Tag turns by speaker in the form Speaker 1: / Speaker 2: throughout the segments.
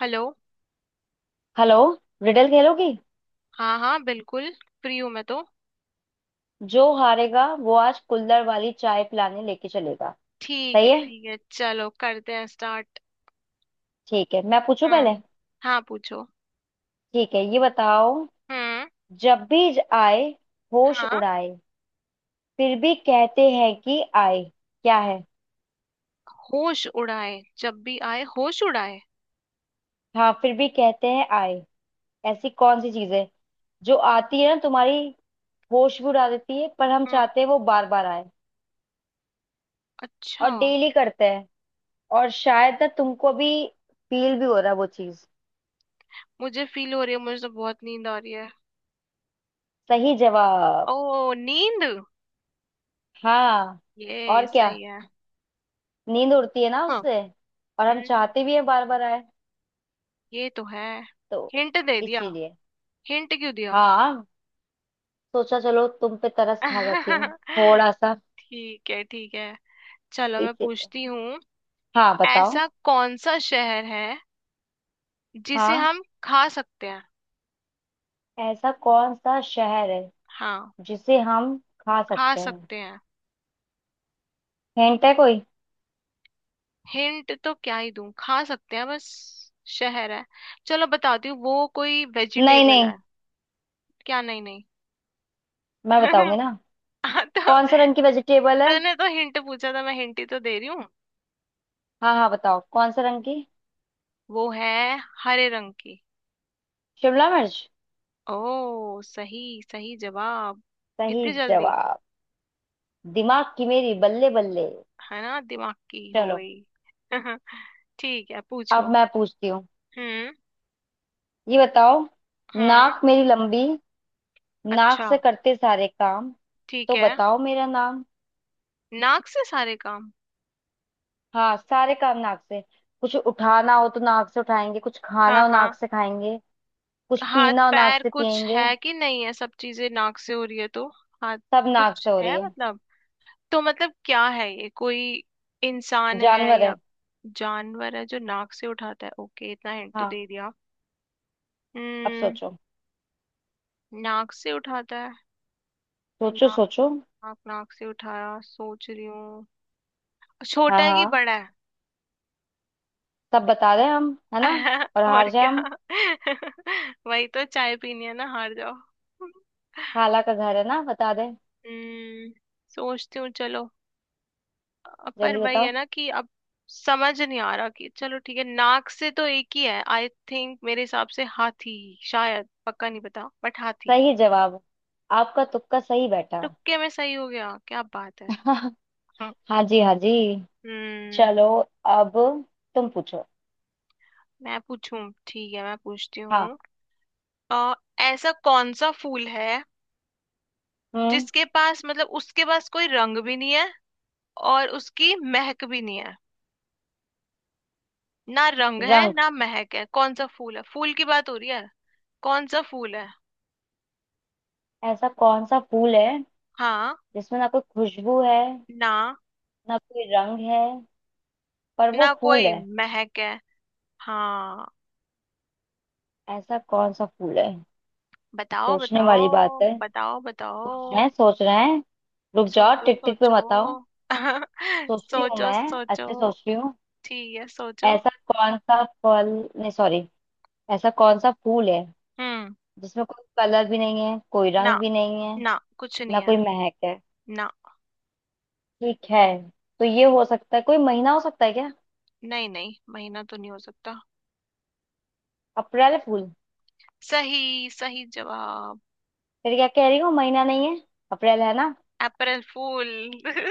Speaker 1: Hello.
Speaker 2: Hello. Riddle खेलोगी?
Speaker 1: हाँ हाँ बिल्कुल। फ्री हूँ मैं तो।
Speaker 2: जो हारेगा वो आज कुल्हड़ वाली चाय पिलाने लेके चलेगा। सही है।
Speaker 1: ठीक है चलो करते हैं स्टार्ट।
Speaker 2: ठीक है, मैं पूछू पहले।
Speaker 1: हम्म। हाँ पूछो।
Speaker 2: ठीक है, ये बताओ।
Speaker 1: हम्म।
Speaker 2: जब भी आए होश
Speaker 1: हाँ
Speaker 2: उड़ाए, फिर भी कहते हैं कि आए, क्या है?
Speaker 1: होश उड़ाए जब भी आए होश उड़ाए।
Speaker 2: हाँ, फिर भी कहते हैं आए। ऐसी कौन सी चीज है जो आती है ना तुम्हारी, होश भी उड़ा देती है, पर हम
Speaker 1: हम्म।
Speaker 2: चाहते हैं वो बार बार आए
Speaker 1: अच्छा।
Speaker 2: और डेली करते हैं। और शायद ना तुमको भी फील भी हो रहा है वो चीज।
Speaker 1: मुझे फील हो रही है मुझे तो बहुत नींद आ रही है।
Speaker 2: सही
Speaker 1: ओ
Speaker 2: जवाब।
Speaker 1: नींद।
Speaker 2: हाँ।
Speaker 1: ये
Speaker 2: और क्या,
Speaker 1: सही है।
Speaker 2: नींद उड़ती है ना
Speaker 1: हाँ।
Speaker 2: उससे। और हम
Speaker 1: हम्म।
Speaker 2: चाहते भी हैं बार बार आए।
Speaker 1: ये तो है।
Speaker 2: तो
Speaker 1: हिंट दे दिया।
Speaker 2: इसीलिए।
Speaker 1: हिंट क्यों दिया?
Speaker 2: हाँ। सोचा चलो तुम पे तरस खा जाती हूँ थोड़ा सा।
Speaker 1: ठीक है ठीक है। चलो मैं
Speaker 2: इसीलिए।
Speaker 1: पूछती हूँ।
Speaker 2: हाँ, बताओ।
Speaker 1: ऐसा कौन सा शहर है जिसे
Speaker 2: हाँ।
Speaker 1: हम खा सकते हैं?
Speaker 2: ऐसा कौन सा शहर है
Speaker 1: हाँ
Speaker 2: जिसे हम खा
Speaker 1: खा
Speaker 2: सकते हैं?
Speaker 1: सकते हैं।
Speaker 2: हिंट है कोई?
Speaker 1: हिंट तो क्या ही दूं, खा सकते हैं बस। शहर है। चलो बताती हूँ, वो कोई
Speaker 2: नहीं
Speaker 1: वेजिटेबल
Speaker 2: नहीं,
Speaker 1: है। क्या नहीं नहीं?
Speaker 2: मैं बताऊंगी ना।
Speaker 1: हाँ, तो
Speaker 2: कौन सा रंग की वेजिटेबल है?
Speaker 1: तूने तो हिंट पूछा था, मैं हिंट ही तो दे रही हूँ।
Speaker 2: हाँ हाँ, बताओ कौन सा रंग की।
Speaker 1: वो है हरे रंग की।
Speaker 2: शिमला मिर्च।
Speaker 1: ओ सही। सही जवाब।
Speaker 2: सही
Speaker 1: इतनी जल्दी।
Speaker 2: जवाब। दिमाग की मेरी बल्ले बल्ले।
Speaker 1: है ना, दिमाग की हो
Speaker 2: चलो।
Speaker 1: गई। ठीक है
Speaker 2: अब
Speaker 1: पूछो।
Speaker 2: मैं पूछती हूँ।
Speaker 1: हम्म।
Speaker 2: ये बताओ।
Speaker 1: हम्म।
Speaker 2: नाक मेरी लंबी, नाक
Speaker 1: अच्छा।
Speaker 2: से करते सारे काम,
Speaker 1: ठीक
Speaker 2: तो
Speaker 1: है।
Speaker 2: बताओ मेरा नाम।
Speaker 1: नाक से सारे काम।
Speaker 2: हाँ, सारे काम नाक से। कुछ उठाना हो तो नाक से उठाएंगे, कुछ खाना
Speaker 1: हाँ
Speaker 2: हो
Speaker 1: हाँ।
Speaker 2: नाक से खाएंगे। कुछ
Speaker 1: हाथ
Speaker 2: पीना हो नाक
Speaker 1: पैर
Speaker 2: से
Speaker 1: कुछ
Speaker 2: पिएंगे।
Speaker 1: है कि नहीं है, सब चीजें नाक से हो रही है तो। हाथ
Speaker 2: सब नाक
Speaker 1: कुछ
Speaker 2: से हो
Speaker 1: है
Speaker 2: रही है।
Speaker 1: मतलब। तो मतलब क्या है, ये कोई इंसान है
Speaker 2: जानवर है।
Speaker 1: या जानवर है जो नाक से उठाता है? ओके इतना हिंट तो
Speaker 2: हाँ।
Speaker 1: दे दिया।
Speaker 2: अब
Speaker 1: हम्म।
Speaker 2: सोचो।
Speaker 1: नाक से उठाता है।
Speaker 2: सोचो
Speaker 1: नाक।
Speaker 2: सोचो।
Speaker 1: नाक नाक से उठाया, सोच रही हूँ। छोटा
Speaker 2: हाँ
Speaker 1: है कि
Speaker 2: हाँ,
Speaker 1: बड़ा है?
Speaker 2: सब बता दें हम, है ना? और
Speaker 1: और
Speaker 2: हार जाए
Speaker 1: क्या।
Speaker 2: हम।
Speaker 1: वही तो, चाय पीनी है ना, हार जाओ।
Speaker 2: खाला का घर है ना, बता दें?
Speaker 1: हम्म। सोचती हूँ चलो। पर
Speaker 2: जल्दी
Speaker 1: वही
Speaker 2: बताओ।
Speaker 1: है ना कि अब समझ नहीं आ रहा कि, चलो ठीक है नाक से तो एक ही है, आई थिंक मेरे हिसाब से हाथी। शायद पक्का नहीं पता, बट हाथी।
Speaker 2: सही जवाब। आपका तुक्का सही बैठा।
Speaker 1: तुक्के में सही हो गया, क्या बात है। हाँ।
Speaker 2: हाँ जी, हाँ जी।
Speaker 1: हम्म।
Speaker 2: चलो। अब तुम पूछो।
Speaker 1: मैं पूछूं? ठीक है मैं पूछती
Speaker 2: हाँ।
Speaker 1: हूँ। अ, ऐसा कौन सा फूल है
Speaker 2: हम्म।
Speaker 1: जिसके पास, मतलब उसके पास कोई रंग भी नहीं है और उसकी महक भी नहीं है? ना रंग है
Speaker 2: रंग।
Speaker 1: ना महक है, कौन सा फूल है? फूल की बात हो रही है। कौन सा फूल है?
Speaker 2: ऐसा कौन सा फूल है
Speaker 1: हाँ।
Speaker 2: जिसमें ना कोई खुशबू है,
Speaker 1: ना।
Speaker 2: ना कोई रंग है, पर वो
Speaker 1: ना
Speaker 2: फूल
Speaker 1: कोई
Speaker 2: है?
Speaker 1: महक है। हाँ
Speaker 2: ऐसा कौन सा फूल है?
Speaker 1: बताओ
Speaker 2: सोचने वाली
Speaker 1: बताओ
Speaker 2: बात है।
Speaker 1: बताओ
Speaker 2: सोच रहे हैं
Speaker 1: बताओ।
Speaker 2: सोच रहे हैं। रुक जाओ,
Speaker 1: सोचो
Speaker 2: टिक टिक पे
Speaker 1: सोचो।
Speaker 2: मत आओ। सोचती हूँ
Speaker 1: सोचो
Speaker 2: मैं,
Speaker 1: सोचो।
Speaker 2: अच्छे सोच रही हूँ।
Speaker 1: ठीक है सोचो।
Speaker 2: ऐसा कौन सा फल, नहीं सॉरी, ऐसा कौन सा फूल है
Speaker 1: हम्म।
Speaker 2: जिसमें कोई कलर भी नहीं है, कोई
Speaker 1: ना
Speaker 2: रंग भी नहीं है,
Speaker 1: ना, कुछ नहीं
Speaker 2: ना
Speaker 1: है।
Speaker 2: कोई महक है।
Speaker 1: ना।
Speaker 2: ठीक है। तो ये हो सकता है कोई महीना हो सकता है क्या?
Speaker 1: नहीं नहीं, महीना तो नहीं हो सकता।
Speaker 2: अप्रैल फूल।
Speaker 1: सही। सही जवाब।
Speaker 2: फिर क्या, कह रही हूँ महीना नहीं है, अप्रैल है ना।
Speaker 1: अप्रैल फूल।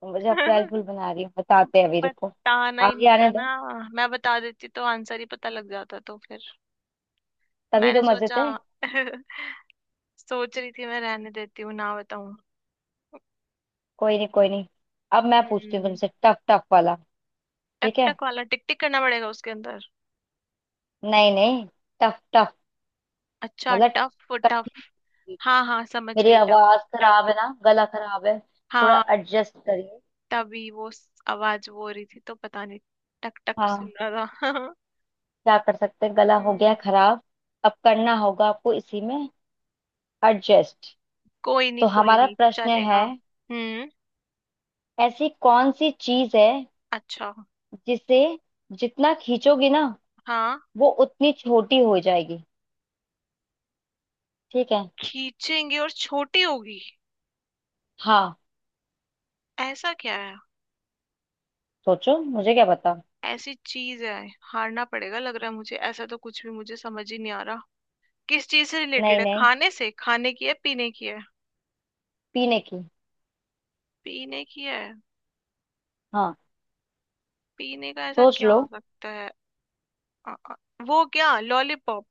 Speaker 2: तो मुझे अप्रैल फूल बना रही हूँ, बताते हैं अभी, रुको।
Speaker 1: बताना ही
Speaker 2: आगे
Speaker 1: नहीं
Speaker 2: आने
Speaker 1: था
Speaker 2: दे।
Speaker 1: ना। मैं बता देती तो आंसर ही पता लग जाता, तो फिर।
Speaker 2: तभी
Speaker 1: मैंने
Speaker 2: तो मजे
Speaker 1: सोचा।
Speaker 2: थे।
Speaker 1: सोच रही थी मैं, रहने देती हूँ ना बताऊं।
Speaker 2: कोई नहीं कोई नहीं। अब मैं पूछती हूँ
Speaker 1: हम्म।
Speaker 2: तुमसे, टफ टफ वाला।
Speaker 1: टक
Speaker 2: ठीक है।
Speaker 1: टक वाला, टिक टिक करना पड़ेगा उसके अंदर।
Speaker 2: नहीं नहीं, टफ टफ
Speaker 1: अच्छा
Speaker 2: मतलब
Speaker 1: टफ टफ।
Speaker 2: कठिन।
Speaker 1: हाँ हाँ समझ
Speaker 2: मेरी
Speaker 1: गई। टफ।
Speaker 2: आवाज
Speaker 1: टफ।
Speaker 2: खराब है ना, गला खराब है, थोड़ा
Speaker 1: हाँ।
Speaker 2: एडजस्ट करिए।
Speaker 1: तभी वो आवाज वो हो रही थी तो पता नहीं। टक टक
Speaker 2: हाँ,
Speaker 1: सुन रहा था।
Speaker 2: क्या कर सकते हैं, गला हो गया
Speaker 1: हम्म।
Speaker 2: खराब। अब करना होगा आपको इसी में एडजस्ट। तो
Speaker 1: कोई
Speaker 2: हमारा
Speaker 1: नहीं
Speaker 2: प्रश्न
Speaker 1: चलेगा।
Speaker 2: है।
Speaker 1: हम्म।
Speaker 2: ऐसी कौन सी चीज है
Speaker 1: अच्छा।
Speaker 2: जिसे जितना खींचोगे ना
Speaker 1: हाँ।
Speaker 2: वो उतनी छोटी हो जाएगी? ठीक है।
Speaker 1: खींचेंगे और छोटी होगी।
Speaker 2: हाँ।
Speaker 1: ऐसा क्या है।
Speaker 2: सोचो, मुझे क्या पता।
Speaker 1: ऐसी चीज है। हारना पड़ेगा लग रहा है मुझे, ऐसा तो कुछ भी मुझे समझ ही नहीं आ रहा। किस चीज से रिलेटेड
Speaker 2: नहीं
Speaker 1: है,
Speaker 2: नहीं,
Speaker 1: खाने से? खाने की है, पीने की है?
Speaker 2: पीने की।
Speaker 1: पीने की है।
Speaker 2: हाँ,
Speaker 1: पीने का ऐसा
Speaker 2: सोच
Speaker 1: क्या
Speaker 2: लो।
Speaker 1: हो सकता है। अ, अ, वो क्या, लॉलीपॉप?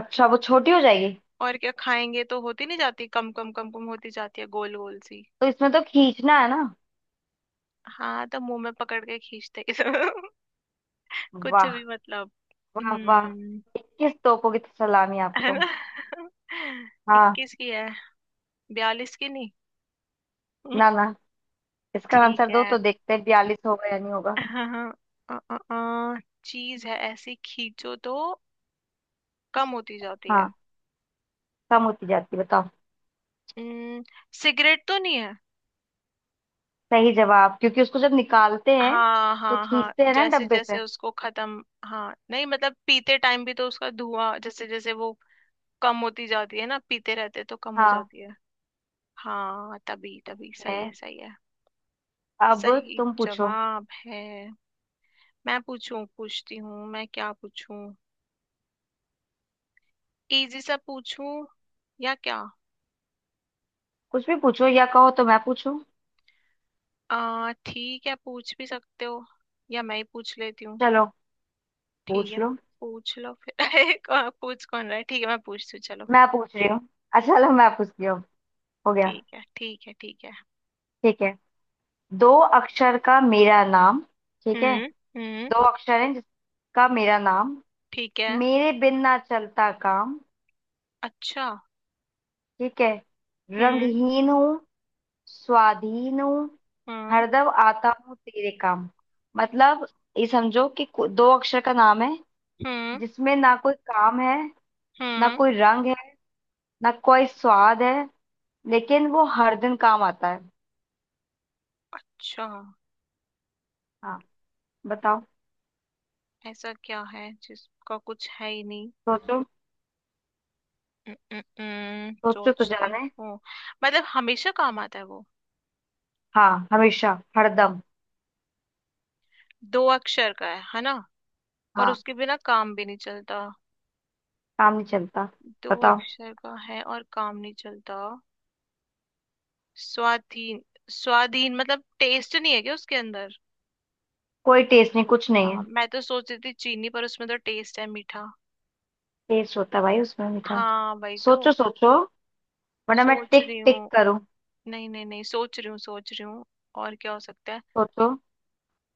Speaker 2: अच्छा, वो छोटी हो जाएगी।
Speaker 1: और क्या, खाएंगे तो होती नहीं जाती, कम कम कम कम होती जाती है गोल गोल सी।
Speaker 2: तो इसमें तो खींचना है ना?
Speaker 1: हाँ तो मुंह में पकड़ के खींचते हैं सब। कुछ
Speaker 2: वाह।
Speaker 1: भी मतलब।
Speaker 2: वाह वाह।
Speaker 1: हम्म।
Speaker 2: 21 तोपों की तो सलामी
Speaker 1: है
Speaker 2: आपको।
Speaker 1: ना।
Speaker 2: हाँ।
Speaker 1: 21 की है, 42 की नहीं।
Speaker 2: ना ना। इसका आंसर
Speaker 1: ठीक
Speaker 2: दो
Speaker 1: है।
Speaker 2: तो देखते हैं 42 होगा या नहीं होगा।
Speaker 1: हाँ। अ, अ, अ, चीज है ऐसी खींचो तो कम होती जाती है।
Speaker 2: हाँ, कम होती जाती है, बताओ।
Speaker 1: हम्म, सिगरेट तो नहीं है।
Speaker 2: सही जवाब, क्योंकि उसको जब निकालते हैं
Speaker 1: हाँ
Speaker 2: तो
Speaker 1: हाँ हाँ,
Speaker 2: खींचते हैं ना
Speaker 1: जैसे
Speaker 2: डब्बे
Speaker 1: जैसे
Speaker 2: से।
Speaker 1: उसको खत्म, हाँ नहीं मतलब पीते टाइम भी तो उसका धुआं जैसे जैसे वो कम होती जाती है ना, पीते रहते तो कम हो
Speaker 2: हाँ।
Speaker 1: जाती है। हाँ तभी तभी सही है
Speaker 2: है।
Speaker 1: सही है।
Speaker 2: अब
Speaker 1: सही
Speaker 2: तुम पूछो।
Speaker 1: जवाब है। मैं पूछूं? पूछती हूँ मैं, क्या पूछूं? इजी सा पूछूं या क्या?
Speaker 2: कुछ भी पूछो, या कहो तो मैं पूछूं।
Speaker 1: आ ठीक है, पूछ भी सकते हो या मैं ही पूछ लेती हूँ।
Speaker 2: चलो
Speaker 1: ठीक
Speaker 2: पूछ
Speaker 1: है
Speaker 2: लो।
Speaker 1: पूछ लो फिर। पूछ कौन रहा है? ठीक है मैं पूछती हूँ चलो।
Speaker 2: मैं पूछ रही हूँ। अच्छा, चलो मैं पूछती हूँ। हो गया।
Speaker 1: ठीक है ठीक है ठीक है।
Speaker 2: ठीक है। दो अक्षर का मेरा नाम। ठीक है।
Speaker 1: हम्म। हम्म।
Speaker 2: दो अक्षर है जिसका मेरा नाम,
Speaker 1: ठीक है।
Speaker 2: मेरे बिन ना चलता काम।
Speaker 1: अच्छा।
Speaker 2: ठीक है।
Speaker 1: हम्म।
Speaker 2: रंगहीन हूँ, स्वाधीन हूँ,
Speaker 1: हम्म।
Speaker 2: हरदम आता हूँ तेरे काम। मतलब, ये समझो कि दो अक्षर का नाम है
Speaker 1: हम्म।
Speaker 2: जिसमें ना कोई काम है, ना
Speaker 1: हम्म।
Speaker 2: कोई रंग है, ना कोई स्वाद है, लेकिन वो हर दिन काम आता है।
Speaker 1: अच्छा।
Speaker 2: हाँ, बताओ।
Speaker 1: ऐसा क्या है जिसका कुछ है ही नहीं?
Speaker 2: सोचो। सोचो तो
Speaker 1: सोचती
Speaker 2: जाने।
Speaker 1: हूँ। मतलब हमेशा काम आता है वो।
Speaker 2: हाँ, हमेशा, हरदम।
Speaker 1: दो अक्षर का है ना? और
Speaker 2: हाँ,
Speaker 1: उसके बिना काम भी नहीं चलता।
Speaker 2: काम नहीं चलता।
Speaker 1: दो
Speaker 2: बताओ।
Speaker 1: अक्षर का है और काम नहीं चलता। स्वाधीन। स्वाधीन मतलब टेस्ट नहीं है क्या उसके अंदर?
Speaker 2: कोई टेस्ट नहीं, कुछ नहीं
Speaker 1: हाँ,
Speaker 2: है।
Speaker 1: मैं तो सोच रही थी चीनी, पर उसमें तो टेस्ट है मीठा।
Speaker 2: टेस्ट होता है भाई उसमें, मीठा।
Speaker 1: हाँ वही तो।
Speaker 2: सोचो सोचो, वरना मैं
Speaker 1: सोच
Speaker 2: टिक
Speaker 1: रही
Speaker 2: टिक
Speaker 1: हूँ।
Speaker 2: करूं।
Speaker 1: नहीं नहीं नहीं, सोच रही हूँ सोच रही हूँ। और क्या हो सकता है।
Speaker 2: सोचो।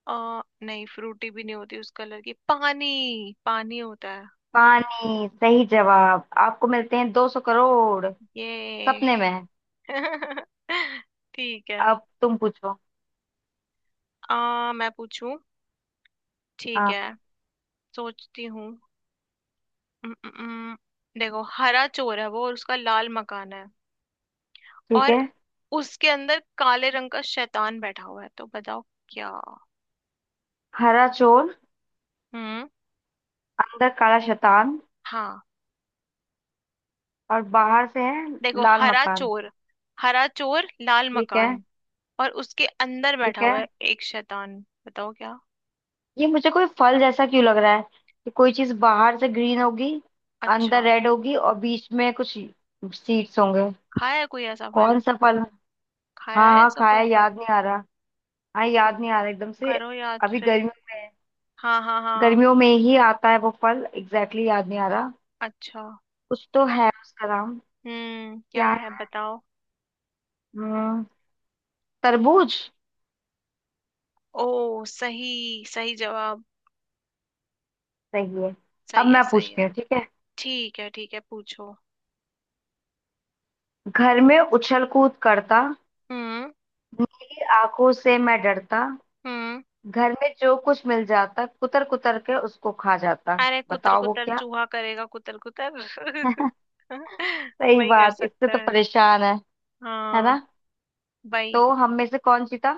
Speaker 1: नहीं, फ्रूटी भी नहीं होती उस कलर की, पानी। पानी होता है
Speaker 2: पानी। सही जवाब। आपको मिलते हैं 200 करोड़
Speaker 1: ये।
Speaker 2: सपने में।
Speaker 1: ठीक है।
Speaker 2: अब तुम पूछो।
Speaker 1: मैं पूछूं? ठीक
Speaker 2: हाँ।
Speaker 1: है। सोचती हूँ। उम, उम, उम, देखो हरा चोर है वो, और उसका लाल मकान है।
Speaker 2: ठीक
Speaker 1: और
Speaker 2: है।
Speaker 1: उसके अंदर काले रंग का शैतान बैठा हुआ है, तो बताओ क्या?
Speaker 2: हरा चोर,
Speaker 1: हम्म।
Speaker 2: अंदर काला शैतान,
Speaker 1: हाँ।
Speaker 2: और बाहर से है
Speaker 1: देखो
Speaker 2: लाल
Speaker 1: हरा
Speaker 2: मकान।
Speaker 1: चोर। हरा चोर लाल
Speaker 2: ठीक है।
Speaker 1: मकान। और उसके अंदर बैठा
Speaker 2: ठीक है।
Speaker 1: हुआ है एक शैतान, बताओ क्या?
Speaker 2: ये मुझे कोई फल जैसा क्यों लग रहा है, कि कोई चीज बाहर से ग्रीन होगी, अंदर
Speaker 1: अच्छा।
Speaker 2: रेड होगी, और बीच में कुछ सीड्स होंगे।
Speaker 1: खाया है कोई ऐसा
Speaker 2: कौन
Speaker 1: फल।
Speaker 2: सा फल?
Speaker 1: खाया
Speaker 2: हाँ
Speaker 1: है
Speaker 2: हाँ
Speaker 1: ऐसा
Speaker 2: खाया,
Speaker 1: कोई फल।
Speaker 2: याद नहीं आ रहा। हाँ,
Speaker 1: तो
Speaker 2: याद नहीं आ रहा एकदम से।
Speaker 1: करो याद
Speaker 2: अभी
Speaker 1: फिर।
Speaker 2: गर्मियों में,
Speaker 1: हाँ हाँ हाँ।
Speaker 2: गर्मियों में ही आता है वो फल। एग्जैक्टली exactly याद नहीं आ रहा।
Speaker 1: अच्छा।
Speaker 2: कुछ तो है उसका नाम।
Speaker 1: हम्म, क्या
Speaker 2: क्या
Speaker 1: है
Speaker 2: है?
Speaker 1: बताओ।
Speaker 2: हम्म, तरबूज।
Speaker 1: ओ सही। सही जवाब।
Speaker 2: सही है। अब
Speaker 1: सही है
Speaker 2: मैं
Speaker 1: सही
Speaker 2: पूछती
Speaker 1: है।
Speaker 2: हूँ, ठीक है।
Speaker 1: ठीक है ठीक है पूछो।
Speaker 2: घर में उछल कूद करता,
Speaker 1: हम्म।
Speaker 2: नीली आंखों से मैं डरता,
Speaker 1: हम्म।
Speaker 2: घर में जो कुछ मिल जाता कुतर कुतर के उसको खा जाता।
Speaker 1: अरे कुतर
Speaker 2: बताओ वो
Speaker 1: कुतर,
Speaker 2: क्या।
Speaker 1: चूहा करेगा कुतर कुतर।
Speaker 2: सही
Speaker 1: वही कर
Speaker 2: बात, इससे
Speaker 1: सकता
Speaker 2: तो
Speaker 1: है।
Speaker 2: परेशान है
Speaker 1: हाँ
Speaker 2: ना?
Speaker 1: भाई।
Speaker 2: तो हम में से कौन जीता?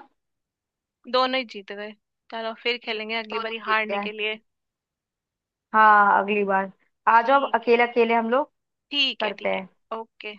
Speaker 1: दोनों ही जीत गए। चलो फिर खेलेंगे अगली
Speaker 2: दोनों
Speaker 1: बारी
Speaker 2: जीत
Speaker 1: हारने
Speaker 2: गए।
Speaker 1: के लिए।
Speaker 2: हाँ, अगली बार आ जाओ
Speaker 1: ठीक है
Speaker 2: अकेले अकेले, हम लोग
Speaker 1: ठीक है
Speaker 2: करते
Speaker 1: ठीक है।
Speaker 2: हैं।
Speaker 1: ओके।